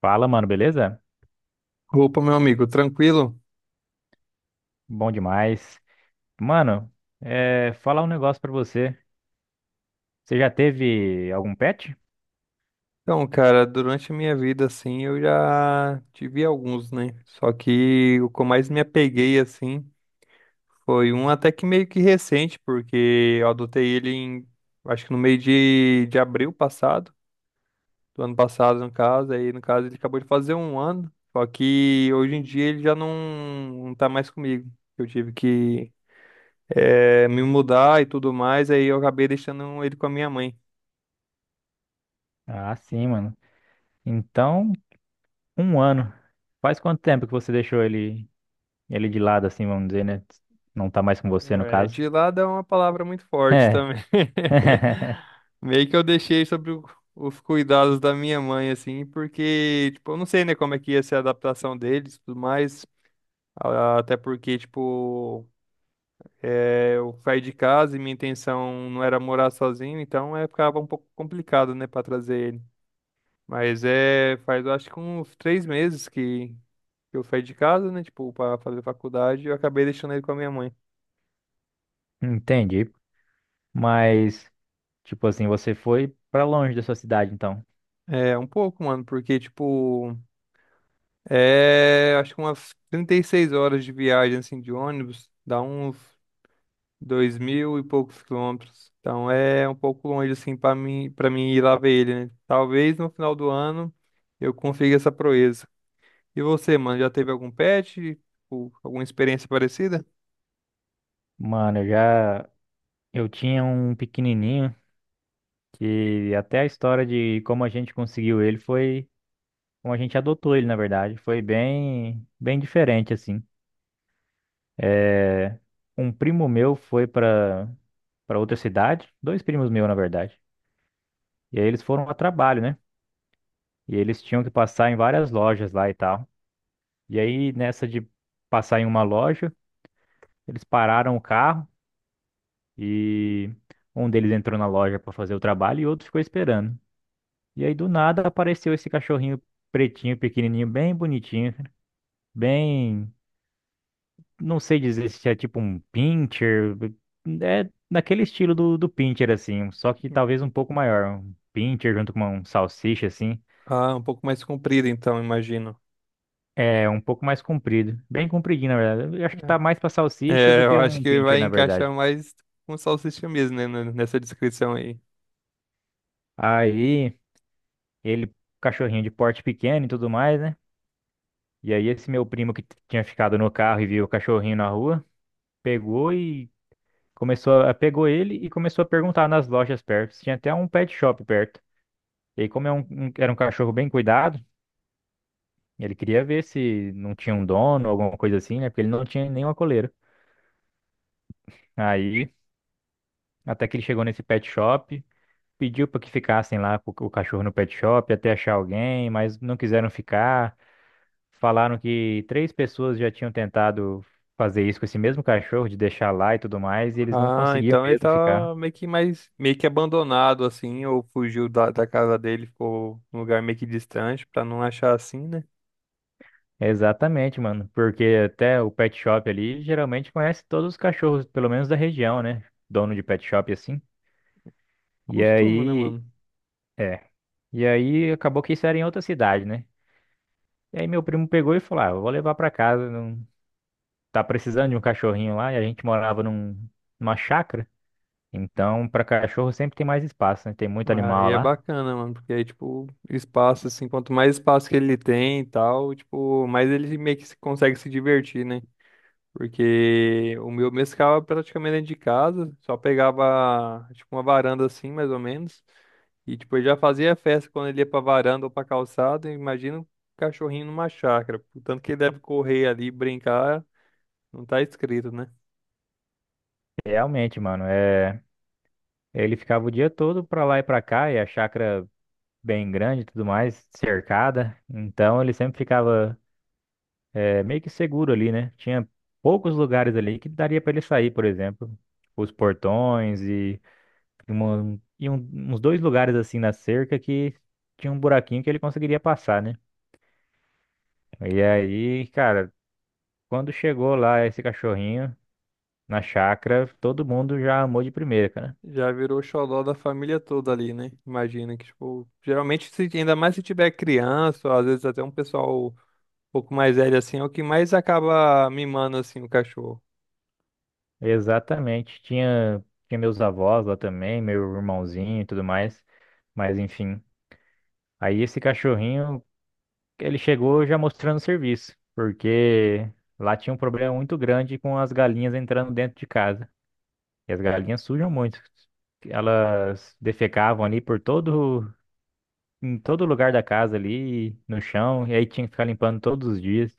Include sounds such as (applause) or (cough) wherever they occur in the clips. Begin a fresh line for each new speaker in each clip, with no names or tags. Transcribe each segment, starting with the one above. Fala, mano, beleza?
Opa, meu amigo, tranquilo?
Bom demais. Mano, falar um negócio pra você. Você já teve algum pet?
Então, cara, durante a minha vida, assim, eu já tive alguns, né? Só que o que eu mais me apeguei, assim, foi um até que meio que recente, porque eu adotei ele em, acho que no meio de abril passado, do ano passado, no caso. Aí, no caso, ele acabou de fazer um ano, só que hoje em dia ele já não tá mais comigo. Eu tive que, me mudar e tudo mais, aí eu acabei deixando ele com a minha mãe.
Ah, sim, mano. Então, um ano. Faz quanto tempo que você deixou ele de lado, assim, vamos dizer, né? Não tá mais com você, no
É,
caso.
de lado é uma palavra muito forte
É.
também. (laughs)
(laughs)
Meio que eu deixei sobre os cuidados da minha mãe, assim, porque, tipo, eu não sei, né, como é que ia ser a adaptação deles e tudo mais. Até porque, tipo, é, eu saí de casa e minha intenção não era morar sozinho, então é, ficava um pouco complicado, né, pra trazer ele. Mas é, faz, eu acho que uns 3 meses que eu saí de casa, né, tipo, pra fazer faculdade, e eu acabei deixando ele com a minha mãe.
Entendi. Mas, tipo assim, você foi pra longe da sua cidade, então.
É, um pouco, mano, porque, tipo. É, acho que umas 36 horas de viagem, assim, de ônibus, dá uns 2 mil e poucos quilômetros. Então é um pouco longe, assim, pra mim, para mim ir lá ver ele, né? Talvez no final do ano eu consiga essa proeza. E você, mano, já teve algum pet? Tipo, alguma experiência parecida?
Mano, eu já. Eu tinha um pequenininho que até a história de como a gente conseguiu ele foi. Como a gente adotou ele, na verdade. Foi bem, bem diferente, assim. É, Um primo meu foi para outra cidade, dois primos meus, na verdade. E aí eles foram a trabalho, né? E eles tinham que passar em várias lojas lá e tal. E aí, nessa de passar em uma loja, eles pararam o carro e um deles entrou na loja para fazer o trabalho e outro ficou esperando. E aí, do nada, apareceu esse cachorrinho pretinho, pequenininho, bem bonitinho, bem não sei dizer se é tipo um pincher, é naquele estilo do pincher, assim, só que talvez um pouco maior. Um pincher junto com um salsicha, assim,
Ah, um pouco mais comprida, então, imagino.
é um pouco mais comprido, bem compridinho, na verdade. Eu acho que tá
É,
mais pra salsicha
É,
do
eu
que
acho
um
que
pincher,
vai
na
encaixar
verdade.
mais com salsicha mesmo, né, nessa descrição aí.
Aí, ele, cachorrinho de porte pequeno e tudo mais, né? E aí, esse meu primo que tinha ficado no carro e viu o cachorrinho na rua, pegou e pegou ele e começou a perguntar nas lojas perto. Tinha até um pet shop perto. E aí, como é era um cachorro bem cuidado, ele queria ver se não tinha um dono, alguma coisa assim, né? Porque ele não tinha nenhuma coleira. Aí, até que ele chegou nesse pet shop, pediu para que ficassem lá com o cachorro no pet shop até achar alguém, mas não quiseram ficar. Falaram que três pessoas já tinham tentado fazer isso com esse mesmo cachorro, de deixar lá e tudo mais, e eles não
Ah,
conseguiam
então ele
mesmo ficar.
tá meio que mais meio que abandonado assim, ou fugiu da casa dele, ficou num lugar meio que distante pra não achar assim, né?
Exatamente, mano, porque até o pet shop ali geralmente conhece todos os cachorros, pelo menos da região, né? Dono de pet shop assim. E
Costuma, né,
aí,
mano?
é. E aí acabou que isso era em outra cidade, né? E aí meu primo pegou e falou: "Ah, eu vou levar pra casa, não tá precisando de um cachorrinho lá". E a gente morava numa chácara, então pra cachorro sempre tem mais espaço, né? Tem muito
Aí
animal
é
lá.
bacana, mano, porque aí, tipo, espaço, assim, quanto mais espaço que ele tem e tal, tipo, mais ele meio que consegue se divertir, né? Porque o meu mesmo ficava praticamente dentro de casa, só pegava tipo uma varanda assim, mais ou menos. E tipo, ele já fazia festa quando ele ia pra varanda ou pra calçada. E imagina um cachorrinho numa chácara. O tanto que ele deve correr ali, brincar, não tá escrito, né?
Realmente, mano, ele ficava o dia todo pra lá e pra cá, e a chácara bem grande e tudo mais, cercada. Então ele sempre ficava meio que seguro ali, né? Tinha poucos lugares ali que daria pra ele sair, por exemplo, os portões e uns dois lugares assim na cerca que tinha um buraquinho que ele conseguiria passar, né? E aí, cara, quando chegou lá esse cachorrinho na chácara, todo mundo já amou de primeira, cara.
Já virou xodó da família toda ali, né? Imagina que, tipo, geralmente, se, ainda mais se tiver criança, ou às vezes até um pessoal um pouco mais velho assim, é o que mais acaba mimando assim o cachorro.
Exatamente. Tinha meus avós lá também, meu irmãozinho e tudo mais. Mas enfim. Aí esse cachorrinho, ele chegou já mostrando serviço, porque lá tinha um problema muito grande com as galinhas entrando dentro de casa. E as galinhas sujam muito. Elas defecavam ali em todo lugar da casa ali, no chão, e aí tinha que ficar limpando todos os dias.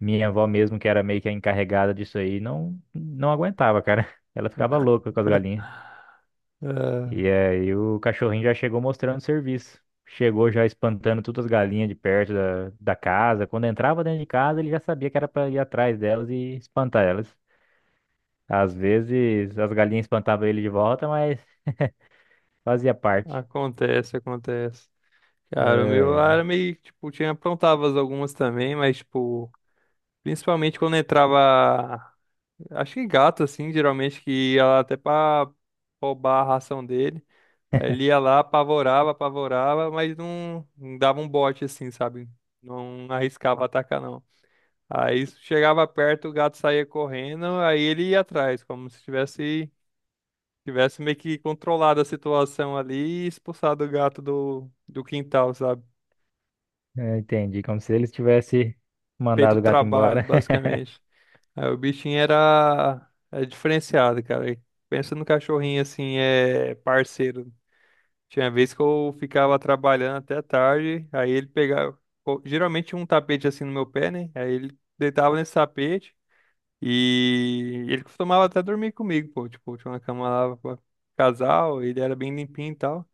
Minha avó mesmo, que era meio que a encarregada disso aí, não aguentava, cara. (laughs) Ela ficava louca com as galinhas.
É,
E aí o cachorrinho já chegou mostrando serviço. Chegou já espantando todas as galinhas de perto da casa. Quando entrava dentro de casa, ele já sabia que era pra ir atrás delas e espantar elas. Às vezes as galinhas espantavam ele de volta, mas fazia parte.
acontece, acontece. Cara, o meu
É,
era meio, tipo, tinha aprontava algumas também, mas, tipo, principalmente quando entrava, acho que gato, assim, geralmente, que ia lá até pra roubar a ração dele. Aí ele ia lá, apavorava, apavorava, mas não dava um bote, assim, sabe? Não arriscava atacar, não. Aí chegava perto, o gato saía correndo, aí ele ia atrás, como se tivesse meio que controlado a situação ali e expulsado o gato do quintal, sabe?
é, entendi. Como se eles tivessem
Feito o
mandado o gato
trabalho,
embora. (laughs)
basicamente. Aí o bichinho era diferenciado, cara. E pensa no cachorrinho assim, é parceiro. Tinha vez que eu ficava trabalhando até tarde, aí ele pegava. Pô, geralmente tinha um tapete assim no meu pé, né? Aí ele deitava nesse tapete e ele costumava até dormir comigo, pô. Tipo, tinha uma cama lá pra casal, ele era bem limpinho e tal.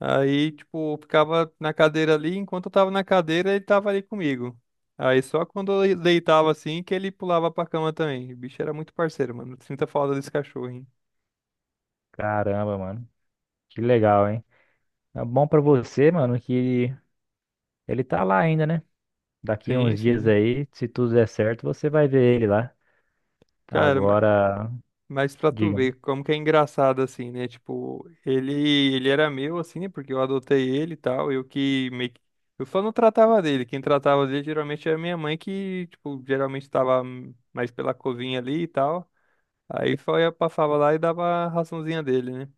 Aí, tipo, eu ficava na cadeira ali, enquanto eu tava na cadeira, ele tava ali comigo. Aí só quando eu deitava assim que ele pulava pra cama também. O bicho era muito parceiro, mano. Sinta falta desse cachorro, hein?
Caramba, mano. Que legal, hein? É bom pra você, mano, que ele tá lá ainda, né? Daqui
Sim,
uns dias
sim.
aí, se tudo der certo, você vai ver ele lá.
Cara,
Agora,
mas pra tu ver
diga-me.
como que é engraçado assim, né? Tipo, ele era meu assim, né? Porque eu adotei ele e tal, eu que meio que eu só não tratava dele. Quem tratava dele geralmente era minha mãe que, tipo, geralmente tava mais pela covinha ali e tal. Aí só ia passava lá e dava a raçãozinha dele, né?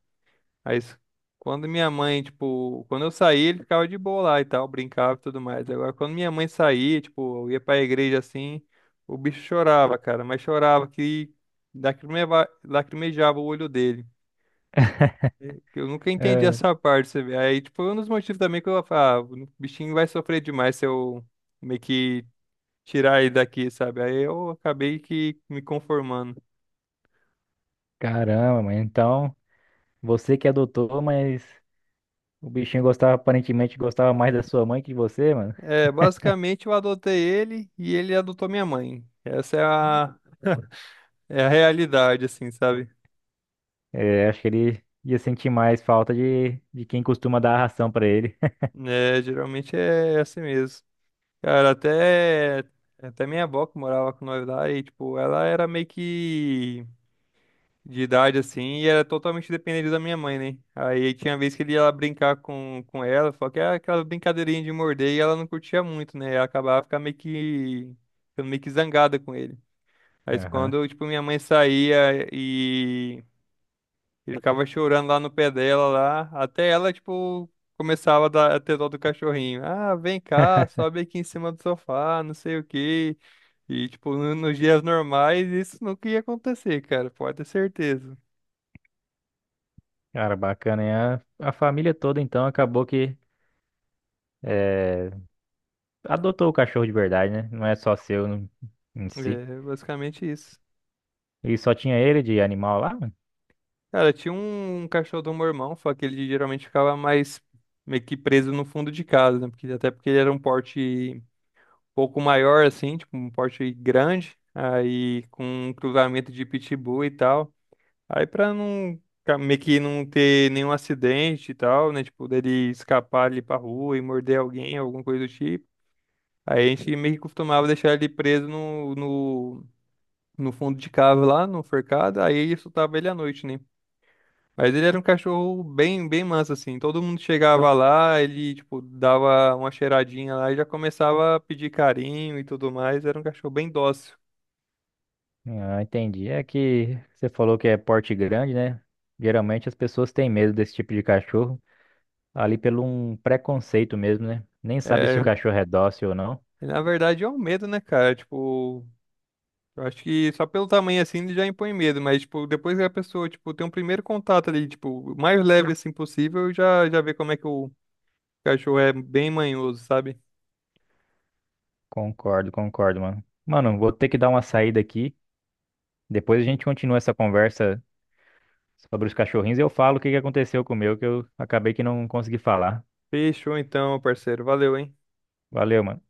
Aí, quando minha mãe, tipo, quando eu saía, ele ficava de boa lá e tal, brincava e tudo mais. Agora, quando minha mãe saía, tipo, eu ia pra igreja assim, o bicho chorava, cara, mas chorava que lacrimejava o olho dele. Eu nunca entendi
É,
essa parte, você vê. Aí, tipo, foi um dos motivos também que eu falava, ah, o bichinho vai sofrer demais se eu meio que tirar ele daqui, sabe? Aí eu acabei que me conformando.
caramba, mano. Então, você que adotou, mas o bichinho gostava, aparentemente gostava mais da sua mãe que de você, mano.
É, basicamente eu adotei ele e ele adotou minha mãe. Essa é a É a realidade, assim, sabe?
É, acho que ele ia sentir mais falta de quem costuma dar a ração pra ele. (laughs)
É, geralmente é assim mesmo. Cara, até minha avó que morava com nós lá, e, tipo, ela era meio que de idade, assim, e era totalmente dependente da minha mãe, né? Aí tinha vez que ele ia lá brincar com ela, só que era aquela brincadeirinha de morder, e ela não curtia muito, né? Ela acabava ficando meio que zangada com ele. Mas
Aham.
quando, tipo, minha mãe saía e ele ficava chorando lá no pé dela, lá, até ela, tipo, começava a ter dó do cachorrinho. Ah, vem cá, sobe aqui em cima do sofá, não sei o quê. E, tipo, nos dias normais, isso nunca ia acontecer, cara, pode ter certeza.
Cara, bacana, hein? A família toda, então, acabou que eh, adotou o cachorro de verdade, né? Não é só seu em si.
É, basicamente isso.
E só tinha ele de animal lá, mano?
Cara, tinha um cachorro do meu irmão, só que ele geralmente ficava mais meio que preso no fundo de casa, né? Porque, até porque ele era um porte um pouco maior, assim, tipo, um porte grande, aí com um cruzamento de pitbull e tal. Aí pra não meio que não ter nenhum acidente e tal, né? Tipo, dele escapar ali pra rua e morder alguém, alguma coisa do tipo. Aí a gente meio que costumava deixar ele preso no fundo de cava lá, no forcado, aí soltava ele à noite, né? Mas ele era um cachorro bem, bem manso, assim. Todo mundo chegava lá, ele, tipo, dava uma cheiradinha lá e já começava a pedir carinho e tudo mais. Era um cachorro bem dócil.
Ah, entendi. É que você falou que é porte grande, né? Geralmente as pessoas têm medo desse tipo de cachorro, ali pelo um preconceito mesmo, né? Nem sabe se o
É,
cachorro é dócil ou não.
na verdade é um medo, né, cara? Tipo, eu acho que só pelo tamanho assim ele já impõe medo, mas tipo, depois que a pessoa, tipo, tem um primeiro contato ali, tipo, o mais leve assim possível, já já vê como é que o cachorro é bem manhoso, sabe?
Concordo, concordo, mano. Mano, vou ter que dar uma saída aqui. Depois a gente continua essa conversa sobre os cachorrinhos, eu falo o que que aconteceu com o meu, que eu acabei que não consegui falar.
Fechou então, parceiro. Valeu, hein?
Valeu, mano.